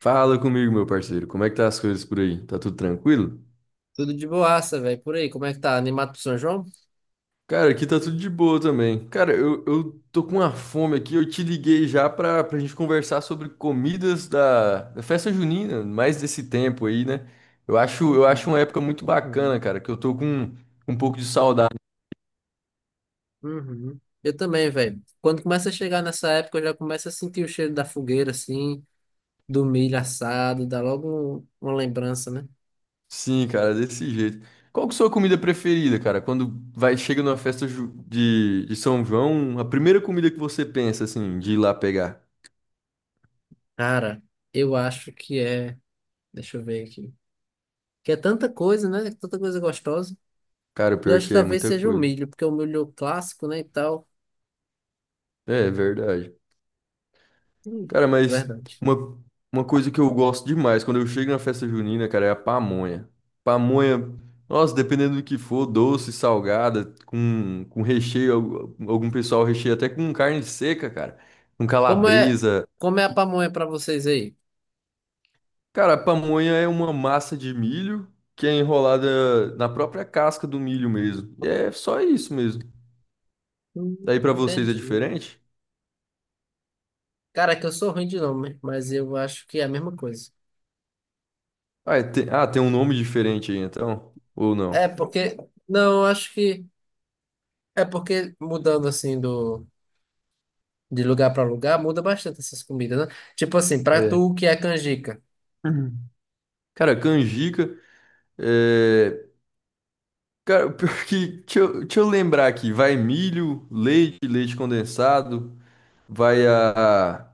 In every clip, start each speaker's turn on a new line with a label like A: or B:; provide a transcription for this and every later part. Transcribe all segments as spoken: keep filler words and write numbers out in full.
A: Fala comigo, meu parceiro. Como é que tá as coisas por aí? Tá tudo tranquilo?
B: Tudo de boaça, velho. Por aí, como é que tá? Animado pro São João?
A: Cara, aqui tá tudo de boa também. Cara, eu, eu tô com uma fome aqui. Eu te liguei já pra, pra gente conversar sobre comidas da, da festa junina, mais desse tempo aí, né? Eu acho, eu acho
B: Uhum,
A: uma época muito bacana,
B: uhum,
A: cara, que eu tô com um pouco de saudade.
B: uhum. Eu também, velho. Quando começa a chegar nessa época, eu já começo a sentir o cheiro da fogueira, assim, do milho assado, dá logo um- uma lembrança, né?
A: Sim, cara, desse jeito. Qual que é a sua comida preferida, cara? Quando vai, chega numa festa ju- de, de São João, a primeira comida que você pensa, assim, de ir lá pegar?
B: Cara, eu acho que é. Deixa eu ver aqui. Que é tanta coisa, né? Tanta coisa gostosa.
A: Cara, o
B: Eu
A: pior é
B: acho que
A: que é
B: talvez
A: muita
B: seja o
A: coisa.
B: milho, porque é o milho é o clássico, né? E tal.
A: É, é verdade.
B: Hum,
A: Cara, mas
B: verdade.
A: uma, uma coisa que eu gosto demais quando eu chego na festa junina, cara, é a pamonha. Pamonha, nossa, dependendo do que for, doce, salgada, com, com recheio, algu- algum pessoal recheia até com carne seca, cara, com
B: Como é,
A: calabresa.
B: como é a pamonha pra vocês aí?
A: Cara, a pamonha é uma massa de milho que é enrolada na própria casca do milho mesmo. E é só isso mesmo.
B: Hum,
A: Daí pra vocês é
B: entendi.
A: diferente?
B: Cara, é que eu sou ruim de nome, mas eu acho que é a mesma coisa.
A: Ah, é te- ah, tem um nome diferente aí então? Ou
B: É
A: não?
B: porque. Não, eu acho que. É porque mudando assim do, de lugar pra lugar, muda bastante essas comidas, né? Tipo assim, pra
A: É.
B: tu o que é canjica?
A: Uhum. Cara, canjica. É, cara, o pior é que. Deixa eu, deixa eu lembrar aqui. Vai milho, leite, leite condensado. Vai a. a-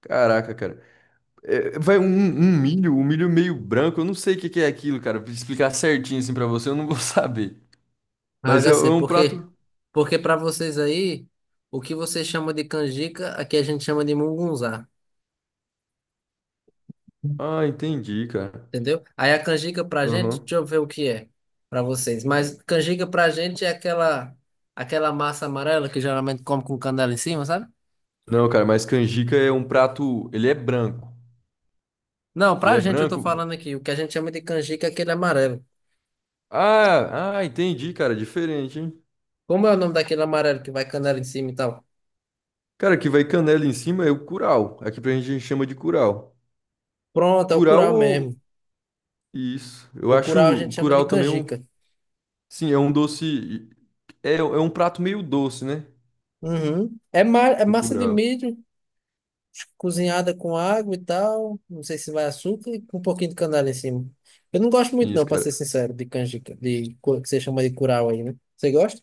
A: Caraca, cara. É, vai um, um milho, um milho meio branco. Eu não sei o que que é aquilo, cara. Pra explicar certinho assim pra você, eu não vou saber.
B: Ah, eu
A: Mas é,
B: já
A: é
B: sei.
A: um
B: Por quê?
A: prato.
B: Porque pra vocês aí, o que vocês chamam de canjica, aqui a gente chama de mungunzá,
A: Ah, entendi, cara.
B: entendeu? Aí a canjica pra gente,
A: Aham.
B: deixa eu ver o que é pra vocês. Mas canjica pra gente é aquela, aquela massa amarela que geralmente come com canela em cima, sabe?
A: Não, cara, mas canjica é um prato. Ele é branco.
B: Não,
A: Ele
B: pra
A: é
B: gente eu tô
A: branco.
B: falando aqui. O que a gente chama de canjica é aquele amarelo.
A: Ah, ah, entendi, cara. Diferente, hein?
B: Como é o nome daquele amarelo que vai canela em cima e tal?
A: Cara, que vai canela em cima é o curau. Aqui pra gente a gente chama de curau.
B: Pronto, é o
A: Curau
B: curau mesmo.
A: ou. Isso. Eu
B: O
A: acho
B: curau a
A: o
B: gente chama de
A: curau também um.
B: canjica.
A: Sim, é um doce. É, é um prato meio doce, né?
B: Uhum. É, ma é
A: O
B: massa de
A: curau.
B: milho cozinhada com água e tal. Não sei se vai açúcar e com um pouquinho de canela em cima. Eu não gosto muito, não,
A: Isso,
B: pra
A: cara.
B: ser sincero, de canjica, de cu- que você chama de curau aí, né? Você gosta?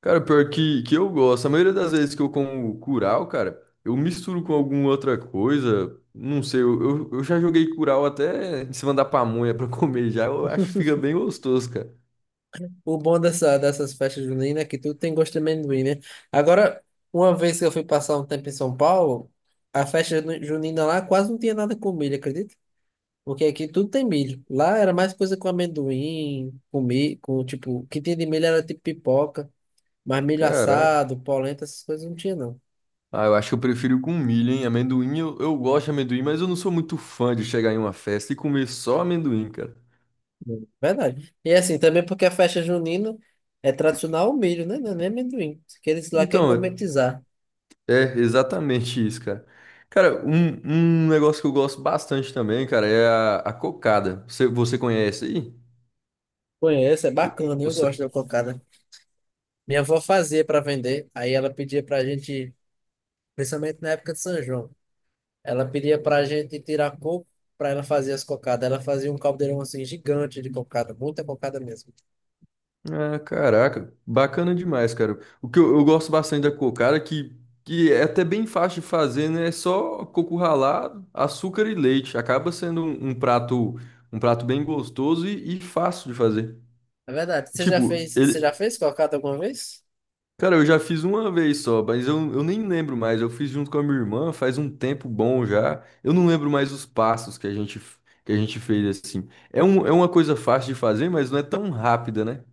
A: Cara, pior que, que eu gosto. A maioria das vezes que eu como curau, cara, eu misturo com alguma outra coisa. Não sei, eu, eu, eu já joguei curau até em cima da pamonha pra comer já. Eu acho que fica bem gostoso, cara.
B: O bom dessa, dessas festas juninas é que tudo tem gosto de amendoim, né? Agora, uma vez que eu fui passar um tempo em São Paulo, a festa juni- junina lá quase não tinha nada com milho, acredita? Porque aqui tudo tem milho. Lá era mais coisa com amendoim, com milho, com tipo, o que tinha de milho era tipo pipoca, mas milho
A: Caraca.
B: assado, polenta, essas coisas não tinha, não.
A: Ah, eu acho que eu prefiro com milho, hein? Amendoim, eu, eu gosto de amendoim, mas eu não sou muito fã de chegar em uma festa e comer só amendoim, cara.
B: Hum. Verdade. E assim, também porque a festa junina é tradicional o milho, né? Não é nem amendoim. Que eles lá querem
A: Então,
B: gourmetizar.
A: é exatamente isso, cara. Cara, um, um negócio que eu gosto bastante também, cara, é a, a cocada. Você, você conhece aí?
B: Conheço, é
A: O,
B: bacana,
A: o
B: eu
A: sa-
B: gosto da cocada. Minha avó fazia para vender, aí ela pedia para a gente, principalmente na época de São João, ela pedia para a gente tirar coco para ela fazer as cocadas. Ela fazia um caldeirão assim gigante de cocada, muita cocada mesmo.
A: ah, caraca, bacana demais, cara. O que eu, eu gosto bastante da cocada, que, que é até bem fácil de fazer, né? É só coco ralado, açúcar e leite. Acaba sendo um, um prato um prato bem gostoso e, e fácil de fazer.
B: É verdade. Você já
A: Tipo,
B: fez, você já
A: ele,
B: fez cocada alguma vez?
A: Cara, eu já fiz uma vez só, mas eu, eu nem lembro mais. Eu fiz junto com a minha irmã faz um tempo bom já. Eu não lembro mais os passos que a gente, que a gente fez assim. É, um, é uma coisa fácil de fazer, mas não é tão rápida, né?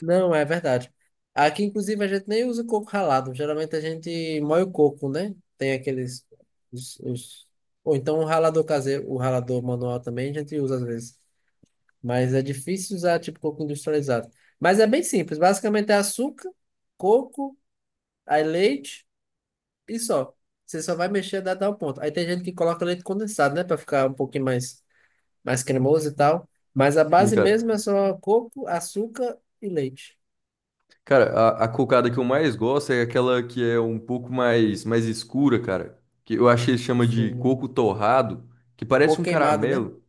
B: Não, é verdade. Aqui, inclusive, a gente nem usa o coco ralado. Geralmente a gente moe o coco, né? Tem aqueles. Os, os... Ou então o ralador caseiro, o ralador manual também a gente usa às vezes. Mas é difícil usar tipo coco industrializado. Mas é bem simples. Basicamente é açúcar, coco, aí leite e só. Você só vai mexer até dar o ponto. Aí tem gente que coloca leite condensado, né? Pra ficar um pouquinho mais, mais cremoso e tal. Mas a
A: Sim,
B: base mesmo é
A: cara.
B: só coco, açúcar e leite.
A: Cara, a, a cocada que eu mais gosto é aquela que é um pouco mais, mais escura, cara. Que eu achei que
B: Não
A: chama de
B: sei.
A: coco torrado, que
B: Coco
A: parece um
B: queimado, né?
A: caramelo.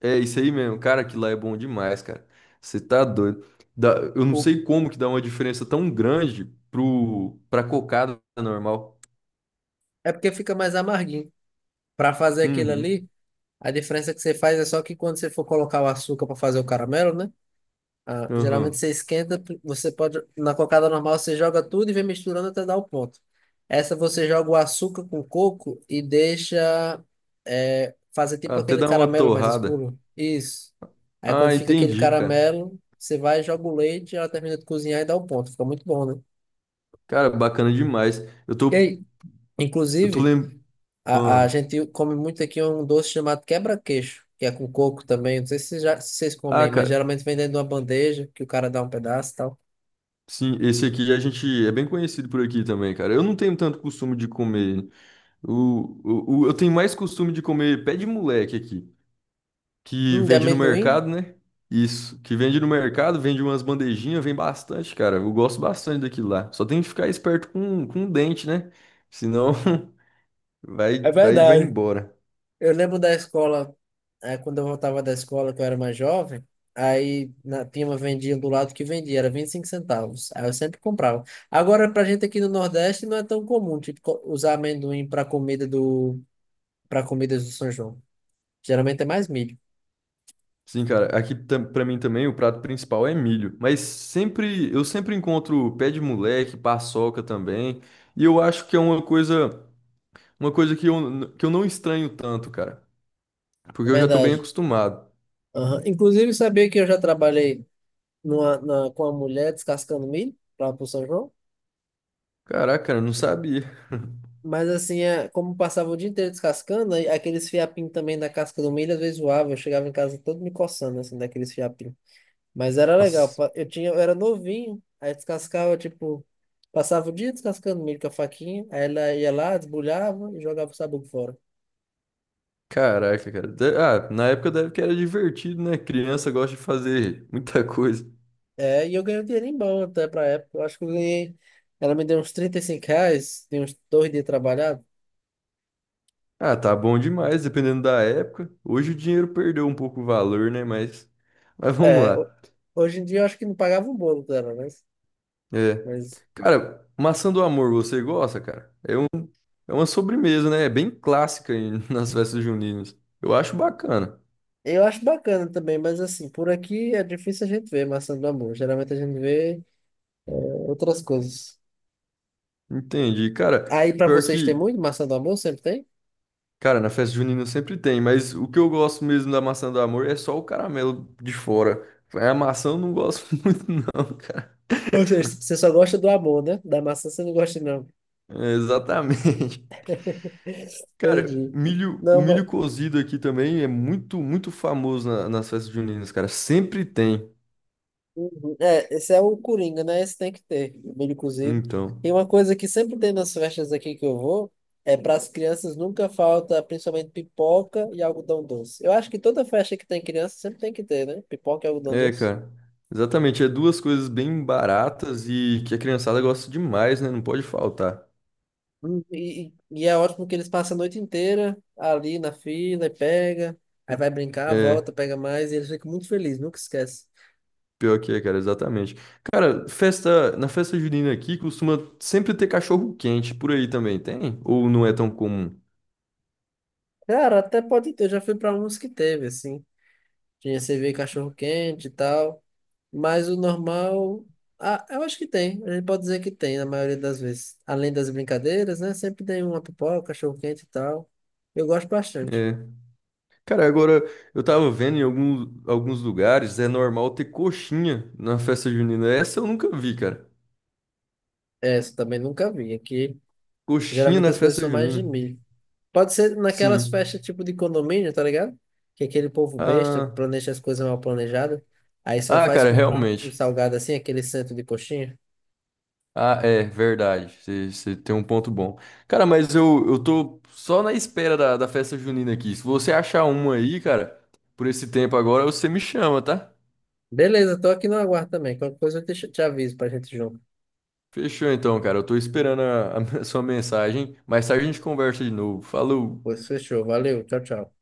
A: É isso aí mesmo, cara, aquilo lá é bom demais, cara. Você tá doido. Dá- eu não
B: O-
A: sei como que dá uma diferença tão grande pro, pra cocada normal.
B: É porque fica mais amarguinho. Pra fazer aquilo
A: Uhum,
B: ali, a diferença que você faz é só que quando você for colocar o açúcar pra fazer o caramelo, né? Ah, geralmente
A: aham.
B: você esquenta, você pode, na cocada normal você joga tudo e vem misturando até dar o ponto. Essa você joga o açúcar com coco e deixa é, fazer tipo
A: Até
B: aquele
A: dá uma
B: caramelo mais
A: torrada.
B: escuro. Isso. Aí
A: Ah,
B: quando fica aquele
A: entendi, cara.
B: caramelo, você vai, joga o leite, ela termina de cozinhar e dá o ponto. Fica muito bom, né?
A: Cara, bacana demais. Eu
B: E
A: tô,
B: aí,
A: eu tô
B: inclusive,
A: lembrando.
B: a, a gente come muito aqui um doce chamado quebra-queixo, que é com coco também. Não sei se, já, se vocês
A: Ah,
B: comem, mas
A: cara,
B: geralmente vem dentro de uma bandeja que o cara dá um pedaço e tal.
A: sim, esse aqui a gente é bem conhecido por aqui também, cara. Eu não tenho tanto costume de comer. O, o, o- eu tenho mais costume de comer pé de moleque aqui, que
B: Hum, de
A: vende no
B: amendoim.
A: mercado, né? Isso, que vende no mercado, vende umas bandejinhas, vem bastante, cara. Eu gosto bastante daquilo lá. Só tem que ficar esperto com, com o dente, né? Senão vai,
B: É
A: vai, vai
B: verdade.
A: embora.
B: Eu lembro da escola, eh, quando eu voltava da escola, que eu era mais jovem, aí na, tinha uma vendinha do lado que vendia, era vinte e cinco centavos. Aí eu sempre comprava. Agora, pra gente aqui no Nordeste, não é tão comum, tipo, co- usar amendoim para comida do, para comidas do São João. Geralmente é mais milho.
A: Sim, cara, aqui tam- pra mim também o prato principal é milho, mas sempre eu sempre encontro pé de moleque, paçoca também, e eu acho que é uma coisa, uma coisa que eu, n- que eu não estranho tanto, cara,
B: É
A: porque eu já tô bem
B: verdade.
A: acostumado.
B: Aham. Inclusive, sabia que eu já trabalhei numa, na, com uma mulher descascando milho para o São João?
A: Caraca, cara, eu não sabia.
B: Mas assim, é, como passava o dia inteiro descascando, aí aqueles fiapinhos também da casca do milho, às vezes zoava. Eu chegava em casa todo me coçando, assim, daqueles fiapinhos. Mas era legal.
A: Nossa.
B: pa- Eu tinha, eu era novinho, aí descascava, tipo, passava o dia descascando milho com a faquinha, aí ela ia lá, desbulhava e jogava o sabugo fora.
A: Caraca, cara. De- Ah, na época deve que era divertido, né? Criança gosta de fazer muita coisa.
B: É, e eu ganhei um dinheirinho bom até pra época. Eu acho que eu ganhei. Ela me deu uns trinta e cinco reais, de uns dois dias trabalhado.
A: Ah, tá bom demais, dependendo da época. Hoje o dinheiro perdeu um pouco o valor, né? Mas, mas vamos
B: É, ho-
A: lá.
B: hoje em dia eu acho que não pagava o bolo dela, né?
A: É.
B: Mas
A: Cara, maçã do amor, você gosta, cara? É um, é uma sobremesa, né? É bem clássica em- nas festas juninas. Eu acho bacana.
B: eu acho bacana também, mas assim, por aqui é difícil a gente ver maçã do amor. Geralmente a gente vê é, outras coisas.
A: Entendi. Cara,
B: Aí pra
A: pior
B: vocês tem
A: que
B: muito maçã do amor? Sempre tem?
A: cara, na festa junina sempre tem, mas o que eu gosto mesmo da maçã do amor é só o caramelo de fora. A maçã eu não gosto muito, não, cara.
B: Ou seja, você só gosta do amor, né? Da maçã você não gosta, não.
A: É, exatamente. Cara,
B: Entendi.
A: milho, o
B: Não, mas.
A: milho cozido aqui também é muito, muito famoso na- nas festas juninas, cara. Sempre tem.
B: Uhum. É, esse é o Coringa, né? Esse tem que ter, milho cozido.
A: Então,
B: E uma coisa que sempre tem nas festas aqui que eu vou, é para as crianças nunca falta, principalmente pipoca e algodão doce. Eu acho que toda festa que tem criança sempre tem que ter, né? Pipoca e algodão
A: é,
B: doce.
A: cara. Exatamente. É duas coisas bem baratas e que a criançada gosta demais, né? Não pode faltar.
B: Hum, E, e e é ótimo que eles passam a noite inteira ali na fila e pega, aí vai brincar, volta,
A: É
B: pega mais, e eles ficam muito felizes, nunca esquece.
A: pior que é, cara, exatamente. Cara, festa, na festa junina aqui costuma sempre ter cachorro quente por aí também, tem? Ou não é tão comum?
B: Cara, até pode ter, eu já fui pra uns que teve, assim. Tinha cerveja cachorro quente e tal, mas o normal, ah, eu acho que tem, a gente pode dizer que tem na maioria das vezes. Além das brincadeiras, né, sempre tem uma pipoca, cachorro quente e tal. Eu gosto bastante.
A: É. Cara, agora eu tava vendo em algum, alguns lugares é normal ter coxinha na festa junina. Essa eu nunca vi, cara.
B: Essa também nunca vi, aqui
A: Coxinha
B: geralmente
A: na
B: as coisas
A: festa
B: são mais de
A: junina.
B: milho. Pode ser naquelas festas
A: Sim.
B: tipo de condomínio, tá ligado? Que aquele povo besta
A: Ah,
B: planeja as coisas mal planejadas. Aí só
A: ah,
B: faz
A: cara,
B: comprar um
A: realmente.
B: salgado assim, aquele centro de coxinha.
A: Ah, é verdade. Você tem um ponto bom. Cara, mas eu, eu tô só na espera da, da festa junina aqui. Se você achar uma aí, cara, por esse tempo agora, você me chama, tá?
B: Beleza, tô aqui no aguardo também. Qualquer coisa eu te, te aviso pra gente junto.
A: Fechou então, cara. Eu tô esperando a, a sua mensagem. Mais tarde a gente conversa de novo. Falou!
B: Pois fechou, valeu, tchau, tchau.